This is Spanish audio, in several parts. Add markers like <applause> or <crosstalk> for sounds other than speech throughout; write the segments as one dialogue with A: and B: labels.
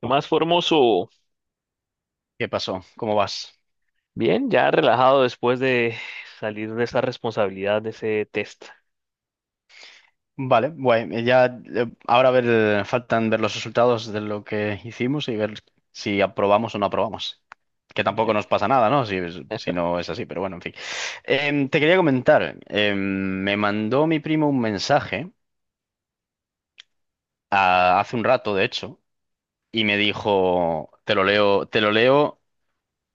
A: ¿Qué más, Formoso?
B: ¿Qué pasó? ¿Cómo vas?
A: Bien, ya relajado después de salir de esa responsabilidad de ese test.
B: Vale, guay. Ya, Ahora a ver, faltan ver los resultados de lo que hicimos y ver si aprobamos o no aprobamos. Que
A: Yo-
B: tampoco nos pasa nada, ¿no? Si, si no es así, pero bueno, en fin. Te quería comentar, me mandó mi primo un mensaje hace un rato, de hecho, y me dijo, te lo leo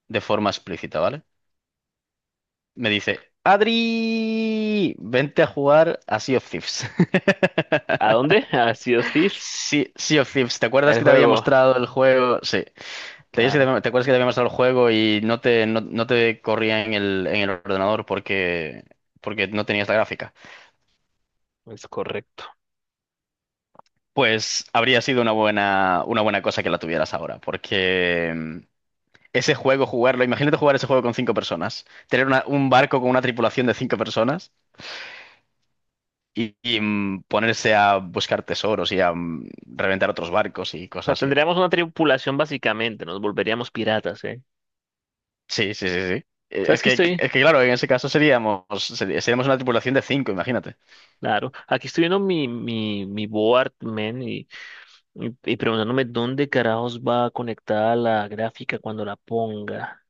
B: de forma explícita, ¿vale? Me dice, Adri, vente a jugar a Sea of Thieves. <laughs>
A: ¿A dónde? <laughs> A Sea of Thieves.
B: Sí, Sea of Thieves, ¿te acuerdas
A: El
B: que te había
A: juego.
B: mostrado el juego? Sí, ¿te, acuerdas que
A: Claro,
B: te acuerdas que te había mostrado el juego y no te, no, no te corría en el ordenador porque, porque no tenías la gráfica?
A: es correcto. O
B: Pues habría sido una buena cosa que la tuvieras ahora, porque ese juego, jugarlo, imagínate jugar ese juego con cinco personas, tener un barco con una tripulación de cinco personas y, ponerse a buscar tesoros y a reventar otros barcos y
A: sea,
B: cosas.
A: tendríamos una tripulación básicamente, nos volveríamos piratas, ¿eh?
B: Sí, sí, sí, sí.
A: ¿Sabes qué estoy?
B: Es que claro, en ese caso seríamos, seríamos una tripulación de cinco, imagínate.
A: Claro, aquí estoy viendo mi board, man, y, preguntándome dónde carajos va conectada la gráfica cuando la ponga.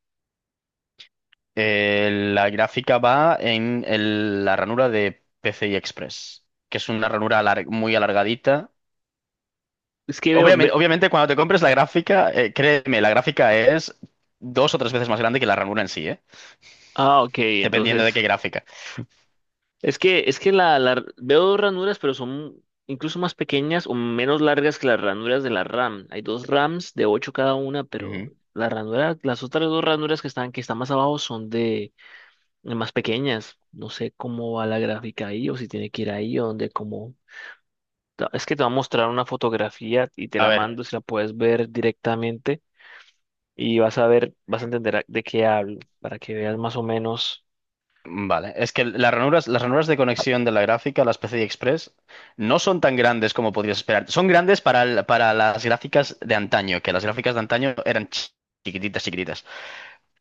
B: La gráfica va en la ranura de PCI Express, que es una ranura muy alargadita.
A: Es que veo,
B: Obviamente,
A: ve-
B: obviamente, cuando te compres la gráfica, créeme, la gráfica es dos o tres veces más grande que la ranura en sí, ¿eh?
A: Ah, ok,
B: Dependiendo
A: entonces.
B: de qué gráfica.
A: Es que veo ranuras, pero son incluso más pequeñas o menos largas que las ranuras de la RAM. Hay dos RAMs de 8 cada una, pero
B: Ujú.
A: la ranura, las otras dos ranuras que están, más abajo son de más pequeñas. No sé cómo va la gráfica ahí o si tiene que ir ahí o donde como. Es que te va a mostrar una fotografía y te
B: A
A: la
B: ver.
A: mando si la puedes ver directamente y vas a ver, vas a entender de qué hablo para que veas más o menos.
B: Vale, es que las ranuras de conexión de la gráfica, las PCI Express, no son tan grandes como podrías esperar. Son grandes para, para las gráficas de antaño, que las gráficas de antaño eran chiquititas, chiquititas.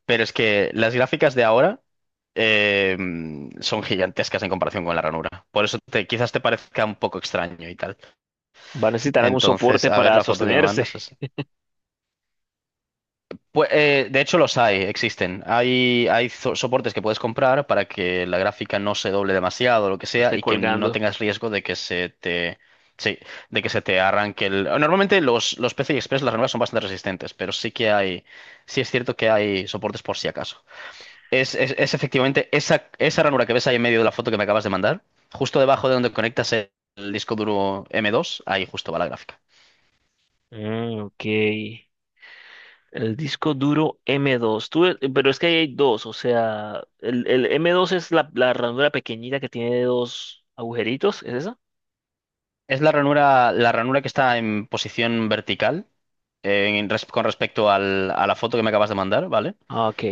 B: Pero es que las gráficas de ahora eh, son gigantescas en comparación con la ranura. Por eso te, quizás te parezca un poco extraño y tal.
A: Va a necesitar algún
B: Entonces,
A: soporte
B: a ver
A: para
B: la foto que me
A: sostenerse.
B: mandas.
A: <laughs>
B: Pues, de hecho los hay, existen. Hay soportes que puedes comprar para que la gráfica no se doble demasiado o lo que
A: No
B: sea
A: esté
B: y que no
A: colgando.
B: tengas riesgo de que se te, sí, de que se te arranque el... Normalmente los PCI Express, las ranuras son bastante resistentes, pero sí que hay, sí es cierto que hay soportes por si acaso. Es efectivamente esa, esa ranura que ves ahí en medio de la foto que me acabas de mandar, justo debajo de donde conectas el disco duro M2, ahí justo va la gráfica.
A: Mm, ok. El disco duro m dos. Tú, pero es que ahí hay dos, o sea, el m dos es la ranura pequeñita que tiene dos agujeritos, ¿es esa?
B: Es la ranura que está en posición vertical en con respecto a la foto que me acabas de mandar, ¿vale?
A: Ah, ok.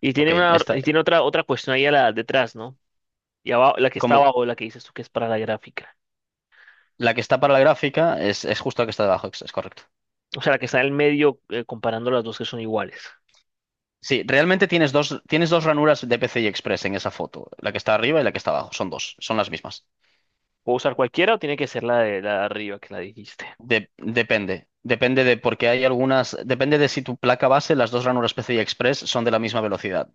A: Y
B: Ok,
A: tiene una,
B: esta,
A: y tiene otra cuestión ahí a detrás, ¿no? Y abajo, la que está
B: como
A: abajo, la que dices tú que es para la gráfica.
B: la que está para la gráfica es justo la que está debajo, es correcto.
A: O sea, la que está en el medio, comparando las dos que son iguales.
B: Sí, realmente tienes dos ranuras de PCI Express en esa foto, la que está arriba y la que está abajo, son dos, son las mismas.
A: ¿Puedo usar cualquiera o tiene que ser la de arriba que la dijiste?
B: Depende, depende de porque hay algunas, depende de si tu placa base, las dos ranuras PCI Express son de la misma velocidad.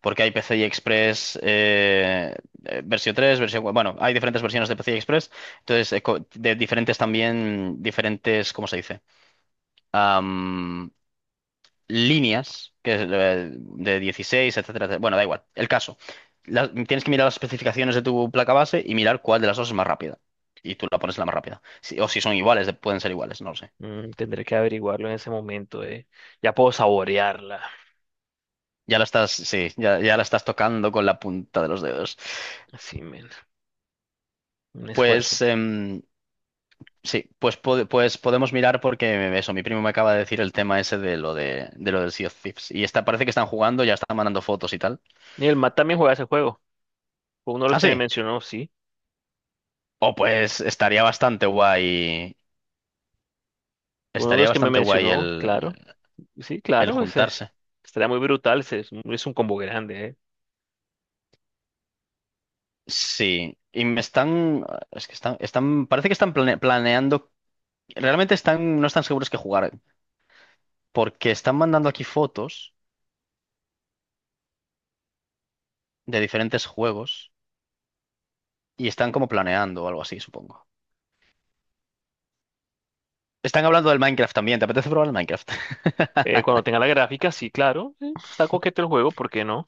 B: Porque hay PCI Express versión 3, versión... cua- Bueno, hay diferentes versiones de PCI Express. Entonces, co- de diferentes también, diferentes, ¿cómo se dice? Am, Líneas que es, de 16, etcétera, etcétera. Bueno, da igual. El caso. Tienes que mirar las especificaciones de tu placa base y mirar cuál de las dos es más rápida. Y tú la pones la más rápida. O si son iguales, de- pueden ser iguales, no lo sé.
A: Tendré que averiguarlo en ese momento. Ya puedo saborearla.
B: Ya la estás, sí, ya, ya la estás tocando con la punta de los dedos.
A: Así, men. Un esfuerzo.
B: Pues... em, Sí, pues, pues podemos mirar porque eso, mi primo me acaba de decir el tema ese de lo del Sea of Thieves. Y está, parece que están jugando, ya están mandando fotos y tal.
A: Y el Matt también juega ese juego. Fue uno de los
B: Ah,
A: que me
B: sí.
A: mencionó, sí.
B: Oh, pues estaría bastante guay.
A: Fue uno de
B: Estaría
A: los que me
B: bastante guay
A: mencionó, claro. Sí,
B: el
A: claro, ese.
B: juntarse.
A: Estaría muy brutal, ese es un combo grande, ¿eh?
B: Sí. Y me están. Es que están. Están. Parece que están planeando. Realmente están. No están seguros que jugar. Porque están mandando aquí fotos de diferentes juegos. Y están como planeando o algo así, supongo. Están hablando del Minecraft también. ¿Te apetece probar el Minecraft? <laughs>
A: Cuando tenga la gráfica, sí, claro. Sí, está coqueto el juego, ¿por qué no?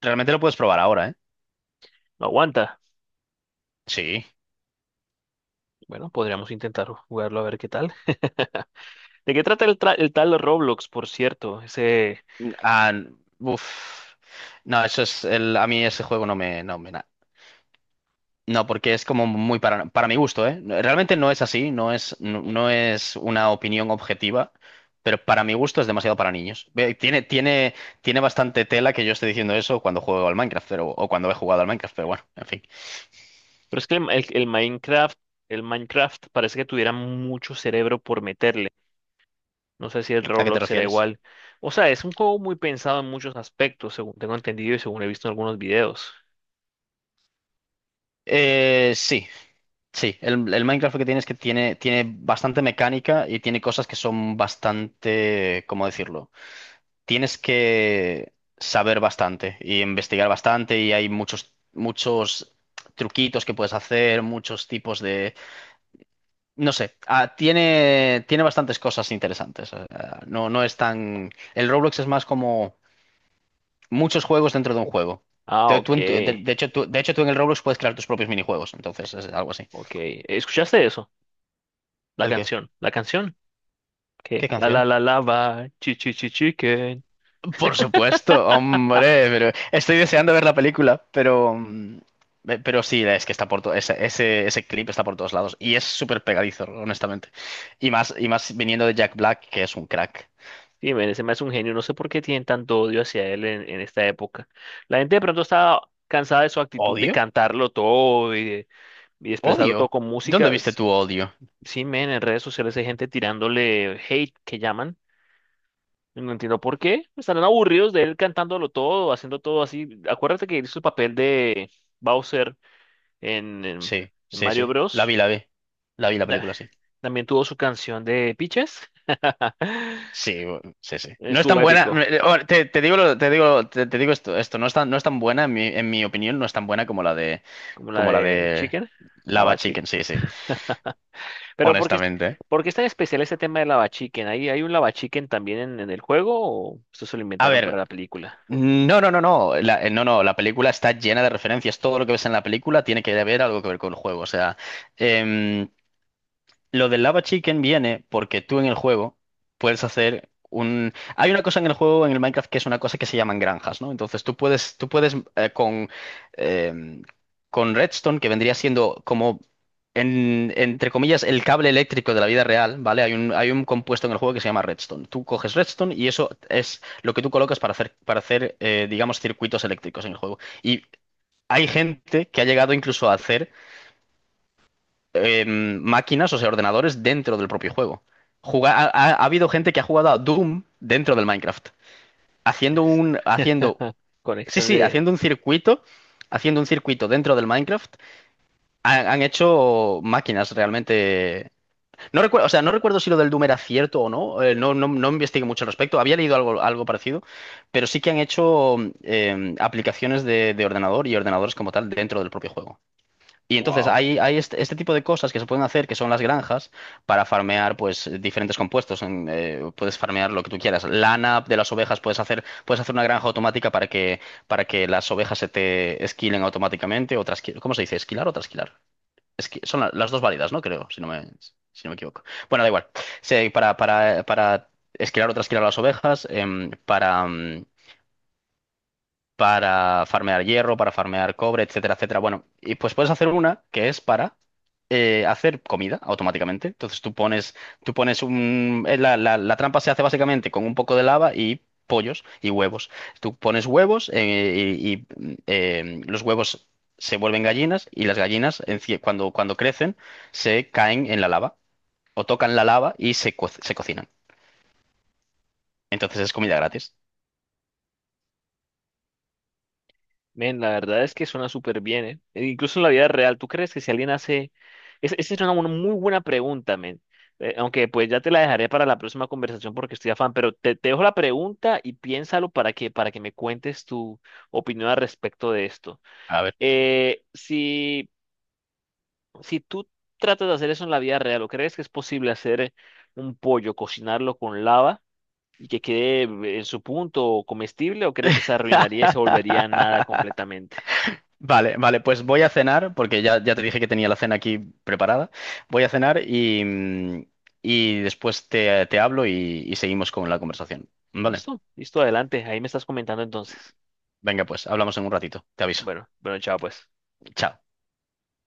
B: Realmente lo puedes probar ahora, ¿eh?
A: No aguanta.
B: Sí.
A: Bueno, podríamos intentar jugarlo a ver qué tal. <laughs> ¿De qué trata el tal Roblox, por cierto? Ese.
B: Ah, uf. No, eso es el, a mí ese juego no me, No, porque es como muy para mi gusto, ¿eh? Realmente no es así, no es, no, no es una opinión objetiva, pero para mi gusto es demasiado para niños. Ve, tiene, tiene, tiene bastante tela que yo esté diciendo eso cuando juego al Minecraft, pero, o cuando he jugado al Minecraft, pero bueno, en fin.
A: Pero es que el Minecraft parece que tuviera mucho cerebro por meterle. No sé si el
B: ¿A qué te
A: Roblox será
B: refieres?
A: igual. O sea, es un juego muy pensado en muchos aspectos, según tengo entendido y según he visto en algunos videos.
B: Eh, sí, Sí, el Minecraft que tiene es que tiene, tiene bastante mecánica y tiene cosas que son bastante, ¿cómo decirlo? Tienes que saber bastante y investigar bastante y hay muchos, muchos truquitos que puedes hacer, muchos tipos de... No sé, tiene, tiene bastantes cosas interesantes. Ah, no, no es tan... El Roblox es más como muchos juegos dentro de un juego.
A: Ah, ok,
B: De, de hecho, tú en el Roblox puedes crear tus propios minijuegos, entonces es algo así.
A: ok. ¿Escuchaste eso? La
B: ¿El qué?
A: canción, la canción. Que
B: ¿Qué
A: la la
B: canción?
A: la lava, chi chi chi chicken.
B: Por supuesto, hombre, pero estoy deseando ver la película, pero, pero sí, es que está por todo, ese clip está por todos lados y es súper pegadizo, honestamente. Y más viniendo de Jack Black, que es un crack.
A: Dime, ese me hace un genio. No sé por qué tienen tanto odio hacia él en esta época. La gente de pronto está cansada de su actitud de
B: ¿Odio?
A: cantarlo todo y de, expresarlo todo
B: ¿Odio?
A: con
B: ¿Dónde
A: música.
B: viste tu odio?
A: Sí, men, en redes sociales hay gente tirándole hate que llaman. No entiendo por qué. Estarán aburridos de él cantándolo todo, haciendo todo así. Acuérdate que hizo el papel de Bowser en
B: Sí, sí,
A: Mario
B: sí. La vi,
A: Bros.
B: la vi. La vi la
A: Y la-
B: película, sí.
A: También tuvo su canción de Peaches.
B: Sí, bu- sí, sí. No es
A: Estuvo
B: tan buena.
A: épico,
B: Ahora, te digo, te digo, te digo esto, esto no es tan, no es tan buena, en mi opinión, no es tan buena
A: como la
B: como la
A: de
B: de
A: Chicken,
B: Lava
A: Lava
B: Chicken,
A: Chicken.
B: sí, sí.
A: Pero
B: Honestamente.
A: por qué es tan especial este tema de Lava Chicken? ¿Hay un Lava Chicken también en el juego o esto se lo
B: A
A: inventaron para
B: ver,
A: la película?
B: no, no, no, no, la, no, no, la película está llena de referencias, todo lo que ves en la película tiene que haber algo que ver con el juego, o sea, em, lo del Lava Chicken viene porque tú en el juego puedes hacer un... Hay una cosa en el juego, en el Minecraft, que es una cosa que se llaman granjas, ¿no? Entonces tú puedes con, em, con Redstone, que vendría siendo como, entre comillas, el cable eléctrico de la vida real, ¿vale? Hay un compuesto en el juego que se llama Redstone. Tú coges Redstone y eso es lo que tú colocas para hacer digamos, circuitos eléctricos en el juego. Y hay gente que ha llegado incluso a hacer máquinas, o sea, ordenadores dentro del propio juego. Ha habido gente que ha jugado a Doom dentro del Minecraft, haciendo
A: Es
B: un, haciendo,
A: <laughs>
B: sí,
A: conexión
B: sí,
A: de.
B: haciendo un circuito dentro del Minecraft. Han, han hecho máquinas realmente. No recuerdo, o sea, no recuerdo si lo del Doom era cierto o no. No, no, no investigué mucho al respecto. Había leído algo, algo parecido, pero sí que han hecho aplicaciones de ordenador y ordenadores como tal dentro del propio juego. Y entonces
A: Wow.
B: hay este, este tipo de cosas que se pueden hacer, que son las granjas, para farmear pues diferentes compuestos. En, puedes farmear lo que tú quieras. Lana de las ovejas, puedes hacer una granja automática para que las ovejas se te esquilen automáticamente. O trasqui- ¿cómo se dice? ¿Esquilar o trasquilar? Esqui- son las dos válidas, ¿no? Creo, si no me, si no me equivoco. Bueno, da igual. Se- para esquilar o trasquilar a las ovejas, para, para farmear hierro, para farmear cobre, etcétera, etcétera. Bueno, y pues puedes hacer una que es para hacer comida automáticamente. Entonces tú pones un... La, la trampa se hace básicamente con un poco de lava y pollos y huevos. Tú pones huevos los huevos se vuelven gallinas y las gallinas cuando, cuando crecen se caen en la lava o tocan la lava y se, se cocinan. Entonces es comida gratis.
A: Men, la verdad es que suena súper bien, ¿eh? E incluso en la vida real, ¿tú crees que si alguien hace? Esa es una muy buena pregunta, men. Aunque pues ya te la dejaré para la próxima conversación porque estoy afán, pero te dejo la pregunta y piénsalo para que me cuentes tu opinión al respecto de esto.
B: A ver.
A: Eh, si, si tú tratas de hacer eso en la vida real, ¿o crees que es posible hacer un pollo, cocinarlo con lava y que quede en su punto comestible, o crees que se arruinaría y se volvería nada
B: <laughs>
A: completamente?
B: Vale, vale, pues voy a cenar, porque ya, ya te dije que tenía la cena aquí preparada. Voy a cenar y, y después te, te hablo y seguimos con la conversación. Vale,
A: Listo, listo, adelante. Ahí me estás comentando entonces.
B: venga, pues hablamos en un ratito. Te aviso.
A: Bueno, bueno, chao pues.
B: Chao.